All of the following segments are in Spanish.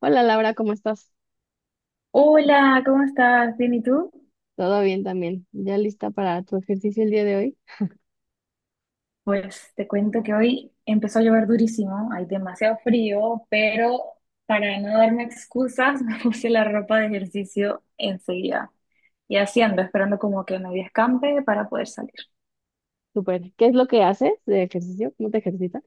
Hola Laura, ¿cómo estás? Hola, ¿cómo estás? ¿Bien y tú? Todo bien también. ¿Ya lista para tu ejercicio el día de hoy? Pues te cuento que hoy empezó a llover durísimo, hay demasiado frío, pero para no darme excusas me puse la ropa de ejercicio enseguida. Y así ando, esperando como que medio escampe para poder salir. Súper. ¿Qué es lo que haces de ejercicio? ¿Cómo te ejercitas?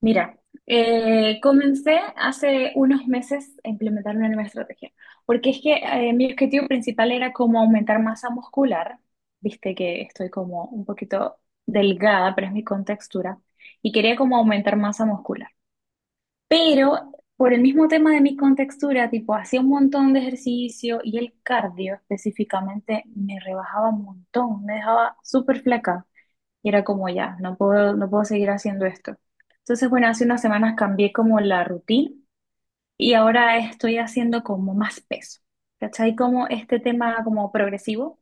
Mira, comencé hace unos meses a implementar una nueva estrategia, porque es que mi objetivo principal era como aumentar masa muscular, viste que estoy como un poquito delgada, pero es mi contextura, y quería como aumentar masa muscular. Pero por el mismo tema de mi contextura, tipo, hacía un montón de ejercicio y el cardio específicamente me rebajaba un montón, me dejaba súper flaca. Y era como ya, no puedo, no puedo seguir haciendo esto. Entonces, bueno, hace unas semanas cambié como la rutina y ahora estoy haciendo como más peso. ¿Cachai? Como este tema como progresivo,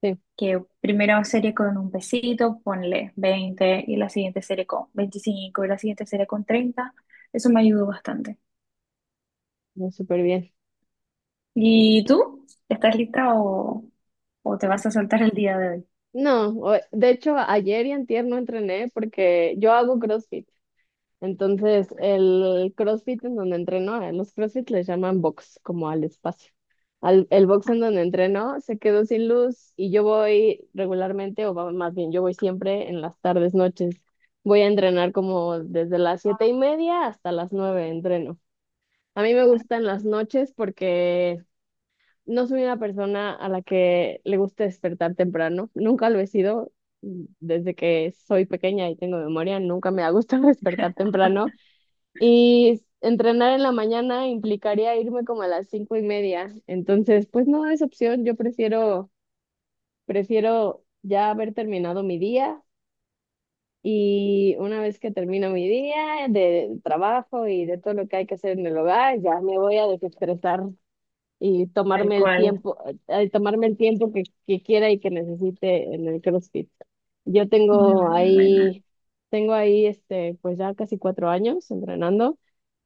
Sí, que primero serie con un pesito, ponle 20 y la siguiente serie con 25 y la siguiente serie con 30. Eso me ayudó bastante. no, súper bien. ¿Y tú? ¿Estás lista o te vas a soltar el día de hoy? No, de hecho ayer y antier no entrené porque yo hago CrossFit. Entonces, el CrossFit en donde entreno, a los CrossFit les llaman box, como al espacio. Al, el box en donde entreno se quedó sin luz y yo voy regularmente, más bien, yo voy siempre en las tardes, noches. Voy a entrenar como desde las 7:30 hasta las 9 entreno. A mí me gustan las noches porque no soy una persona a la que le gusta despertar temprano. Nunca lo he sido. Desde que soy pequeña y tengo memoria, nunca me ha gustado despertar temprano. Y entrenar en la mañana implicaría irme como a las 5:30. Entonces, pues no es opción. Yo prefiero ya haber terminado mi día. Y una vez que termino mi día de trabajo y de todo lo que hay que hacer en el hogar, ya me voy a desestresar y Tal cual. Tomarme el tiempo que quiera y que necesite en el CrossFit. Yo Muy tengo buena. ahí, tengo ahí pues ya casi 4 años entrenando.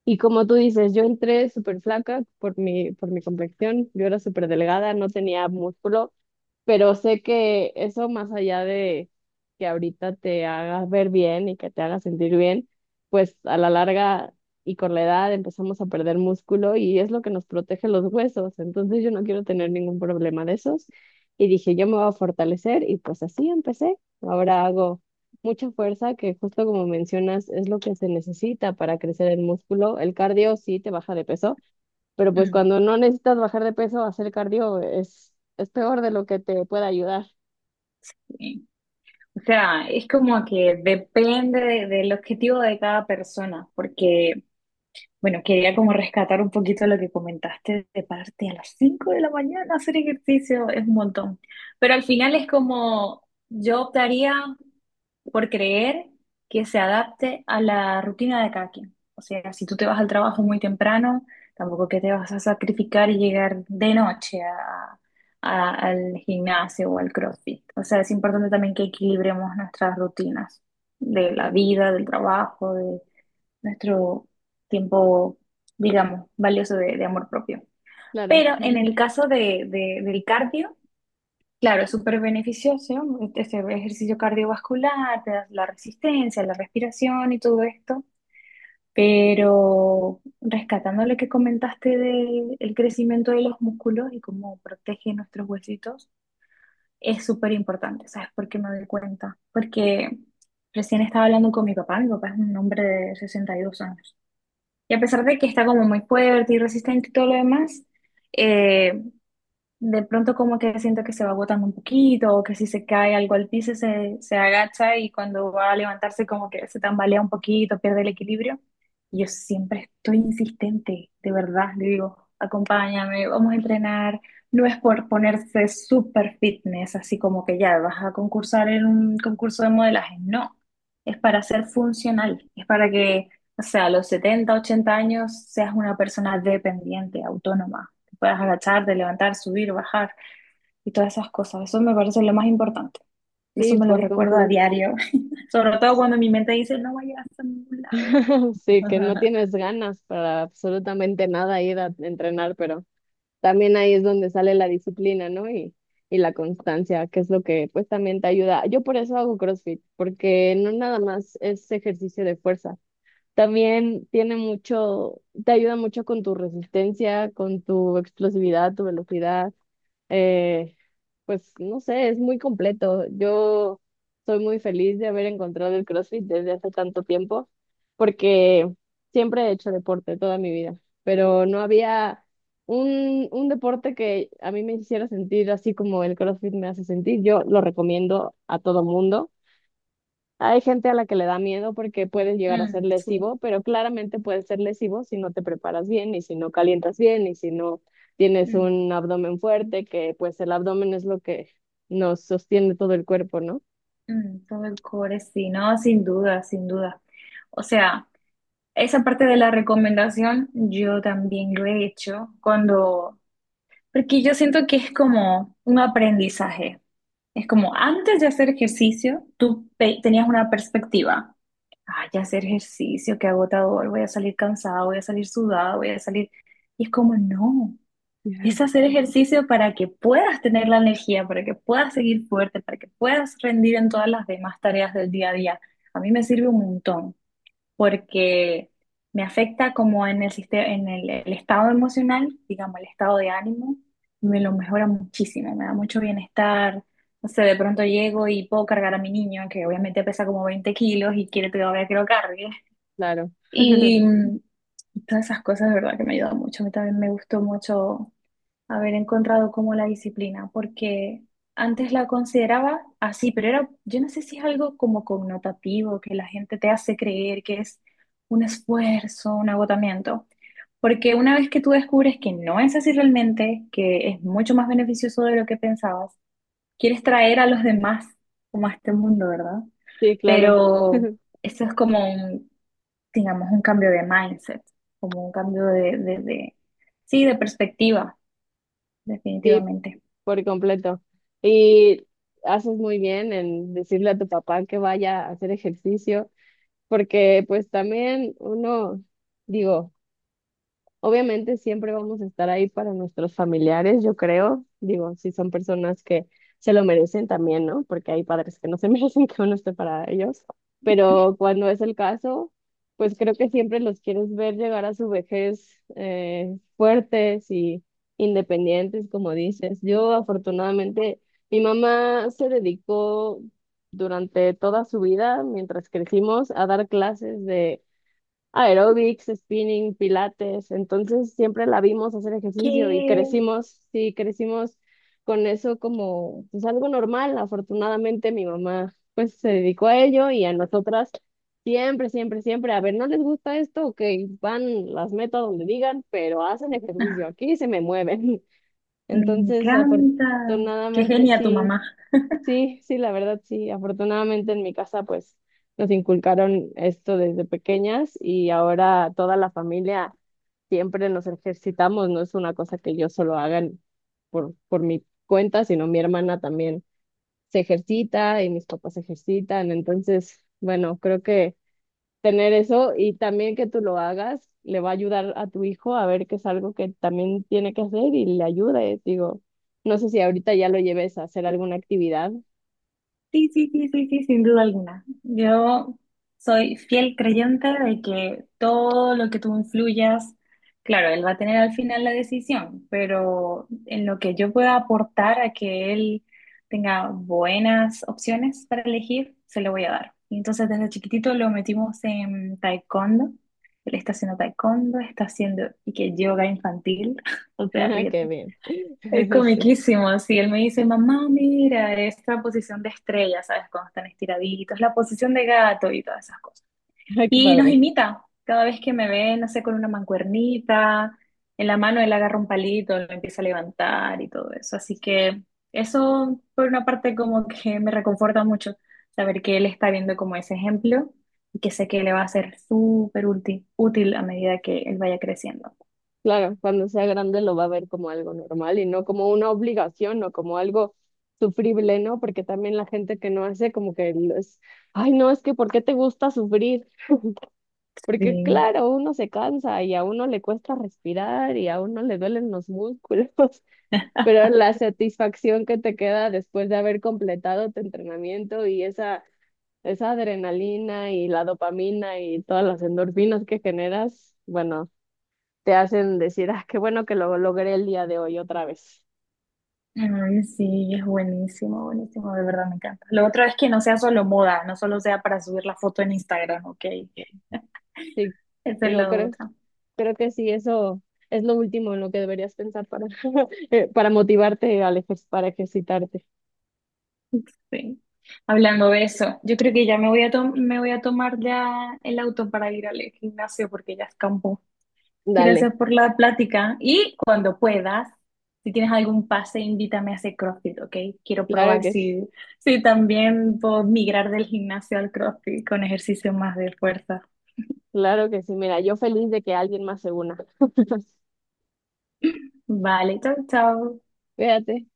Y como tú dices, yo entré súper flaca por mi complexión, yo era súper delgada, no tenía músculo, pero sé que eso más allá de que ahorita te hagas ver bien y que te haga sentir bien, pues a la larga y con la edad empezamos a perder músculo y es lo que nos protege los huesos. Entonces yo no quiero tener ningún problema de esos. Y dije, yo me voy a fortalecer y pues así empecé. Ahora hago mucha fuerza que justo como mencionas es lo que se necesita para crecer el músculo. El cardio sí te baja de peso pero pues Mm, cuando no necesitas bajar de peso, hacer cardio es peor de lo que te puede ayudar. sí. O sea, es como que depende del objetivo de cada persona, porque, bueno, quería como rescatar un poquito lo que comentaste de pararte a las 5 de la mañana a hacer ejercicio, es un montón. Pero al final es como, yo optaría por creer que se adapte a la rutina de cada quien. O sea, si tú te vas al trabajo muy temprano, tampoco que te vas a sacrificar y llegar de noche al gimnasio o al CrossFit. O sea, es importante también que equilibremos nuestras rutinas de la Claro, vida, del trabajo, de nuestro tiempo, digamos, valioso de amor propio. claro. Pero en el caso de, del cardio, claro, es súper beneficioso, este ejercicio cardiovascular, te da la resistencia, la respiración y todo esto, pero rescatando lo que comentaste del crecimiento de los músculos y cómo protege nuestros huesitos, es súper importante, ¿sabes por qué me doy cuenta? Porque recién estaba hablando con mi papá es un hombre de 62 años, y a pesar de que está como muy fuerte y resistente y todo lo demás, eh, de pronto como que siento que se va agotando un poquito, o que si se cae algo al piso se, se agacha y cuando va a levantarse como que se tambalea un poquito, pierde el equilibrio. Y yo siempre estoy insistente, de verdad, le digo, acompáñame, vamos a entrenar. No es por ponerse super fitness, así como que ya vas a concursar en un concurso de modelaje, no. Es para ser funcional, es para que, o sea, a los 70 80 años seas una persona dependiente, autónoma, puedas agacharte, levantar, subir, bajar y todas esas cosas. Eso me parece lo más importante. Eso Sí, me lo por recuerdo a completo. diario, sobre todo cuando mi mente dice, no vayas a ningún lado. Sí, que no tienes ganas para absolutamente nada ir a entrenar, pero también ahí es donde sale la disciplina, ¿no? Y la constancia, que es lo que pues también te ayuda. Yo por eso hago CrossFit, porque no nada más es ejercicio de fuerza. También tiene mucho, te ayuda mucho con tu resistencia, con tu explosividad, tu velocidad. eh, Pues no sé, es muy completo. Yo soy muy feliz de haber encontrado el CrossFit desde hace tanto tiempo, porque siempre he hecho deporte toda mi vida, pero no había un deporte que a mí me hiciera sentir así como el CrossFit me hace sentir. Yo lo recomiendo a todo mundo. Hay gente a la que le da miedo porque puede llegar a ser Mm, sí. lesivo, pero claramente puede ser lesivo si no te preparas bien y si no calientas bien y si no tienes Mm, un abdomen fuerte, que pues el abdomen es lo que nos sostiene todo el cuerpo, ¿no? Todo el core, sí, no, sin duda, sin duda. O sea, esa parte de la recomendación yo también lo he hecho cuando, porque yo siento que es como un aprendizaje. Es como antes de hacer ejercicio, tú tenías una perspectiva. Ay, ya hacer ejercicio, qué agotador, voy a salir cansada, voy a salir sudada, voy a salir. Y es como, no, es hacer ejercicio para que puedas tener la energía, para que puedas seguir fuerte, para que puedas rendir en todas las demás tareas del día a día. A mí me sirve un montón porque me afecta como en el sistema, en el estado emocional, digamos, el estado de ánimo, me lo mejora muchísimo, me da mucho bienestar. No sé, de pronto llego y puedo cargar a mi niño, que obviamente pesa como 20 kilos y quiere todavía que lo cargue. Claro. Y mm, todas esas cosas, de verdad, que me ayudan mucho. A mí también me gustó mucho haber encontrado como la disciplina, porque antes la consideraba así, pero era, yo no sé si es algo como connotativo, que la gente te hace creer que es un esfuerzo, un agotamiento. Porque una vez que tú descubres que no es así realmente, que es mucho más beneficioso de lo que pensabas, quieres traer a los demás como a este mundo, ¿verdad? Sí, claro. Pero eso es como un, digamos, un cambio de mindset, como un cambio sí, de perspectiva Sí, definitivamente. por completo. Y haces muy bien en decirle a tu papá que vaya a hacer ejercicio, porque pues también uno, digo, obviamente siempre vamos a estar ahí para nuestros familiares, yo creo. Digo, si son personas que se lo merecen también, ¿no? Porque hay padres que no se merecen que uno esté para ellos. Pero cuando es el caso, pues creo que siempre los quieres ver llegar a su vejez, fuertes y independientes, como dices. Yo afortunadamente, mi mamá se dedicó durante toda su vida, mientras crecimos, a dar clases aeróbics, spinning, pilates. Entonces siempre la vimos hacer ¿Qué? ejercicio y crecimos, sí, crecimos con eso como pues algo normal. Afortunadamente mi mamá pues se dedicó a ello y a nosotras siempre, siempre, siempre, a ver, ¿no les gusta esto? Ok, van, las meto a donde digan, pero hacen ejercicio Ah, aquí y se me mueven. me Entonces, encanta. Qué afortunadamente genia tu sí. mamá. Sí, sí, la verdad sí. Afortunadamente en mi casa pues nos inculcaron esto desde pequeñas y ahora toda la familia siempre nos ejercitamos, no es una cosa que yo solo haga por mi cuenta, sino mi hermana también se ejercita y mis papás se ejercitan. Entonces, bueno, creo que tener eso y también que tú lo hagas le va a ayudar a tu hijo a ver que es algo que también tiene que hacer y le ayude. Digo, no sé si ahorita ya lo lleves a hacer alguna actividad. Sí, sí, sí, sí, sí, sin duda alguna. Yo soy fiel creyente de que todo lo que tú influyas, claro, él va a tener al final la decisión, pero en lo que yo pueda aportar a que él tenga buenas opciones para elegir, se lo voy a dar. Y entonces desde chiquitito lo metimos en taekwondo. Él está haciendo taekwondo, está haciendo y que yoga infantil, o sea, Ajá, qué ríete. bien. Es Sí. comiquísimo, sí. Él me dice, mamá, mira, esta posición de estrella, ¿sabes? Cuando están estiraditos, la posición de gato y todas esas cosas. Ay, qué Y nos padre. imita. Cada vez que me ve, no sé, con una mancuernita, en la mano él agarra un palito, lo empieza a levantar y todo eso. Así que eso, por una parte, como que me reconforta mucho saber que él está viendo como ese ejemplo y que sé que le va a ser súper útil, útil a medida que él vaya creciendo. Claro, cuando sea grande lo va a ver como algo normal y no como una obligación o como algo sufrible, ¿no? Porque también la gente que no hace como que lo es, ay, no, es que ¿por qué te gusta sufrir? Porque Sí. claro, uno se cansa y a uno le cuesta respirar y a uno le duelen los músculos, pero la satisfacción que te queda después de haber completado tu entrenamiento y esa adrenalina y la dopamina y todas las endorfinas que generas, bueno, te hacen decir, ah, qué bueno que lo logré el día de hoy otra vez. Ay, sí, es buenísimo, buenísimo, de verdad me encanta. Lo otro es que no sea solo moda, no solo sea para subir la foto en Instagram, ok. Sí, Esa es digo, la creo, otra. creo que sí, eso es lo último en lo que deberías pensar para, para motivarte al para ejercitarte. Sí. Hablando de eso, yo creo que ya me voy me voy a tomar ya el auto para ir al gimnasio porque ya escampó. Gracias Dale, por la plática y cuando puedas, si tienes algún pase, invítame a hacer CrossFit, ok. Quiero claro probar que sí, si, si también puedo migrar del gimnasio al CrossFit con ejercicio más de fuerza. claro que sí. Mira, yo feliz de que alguien más se una. Vale, chao, chao. Fíjate.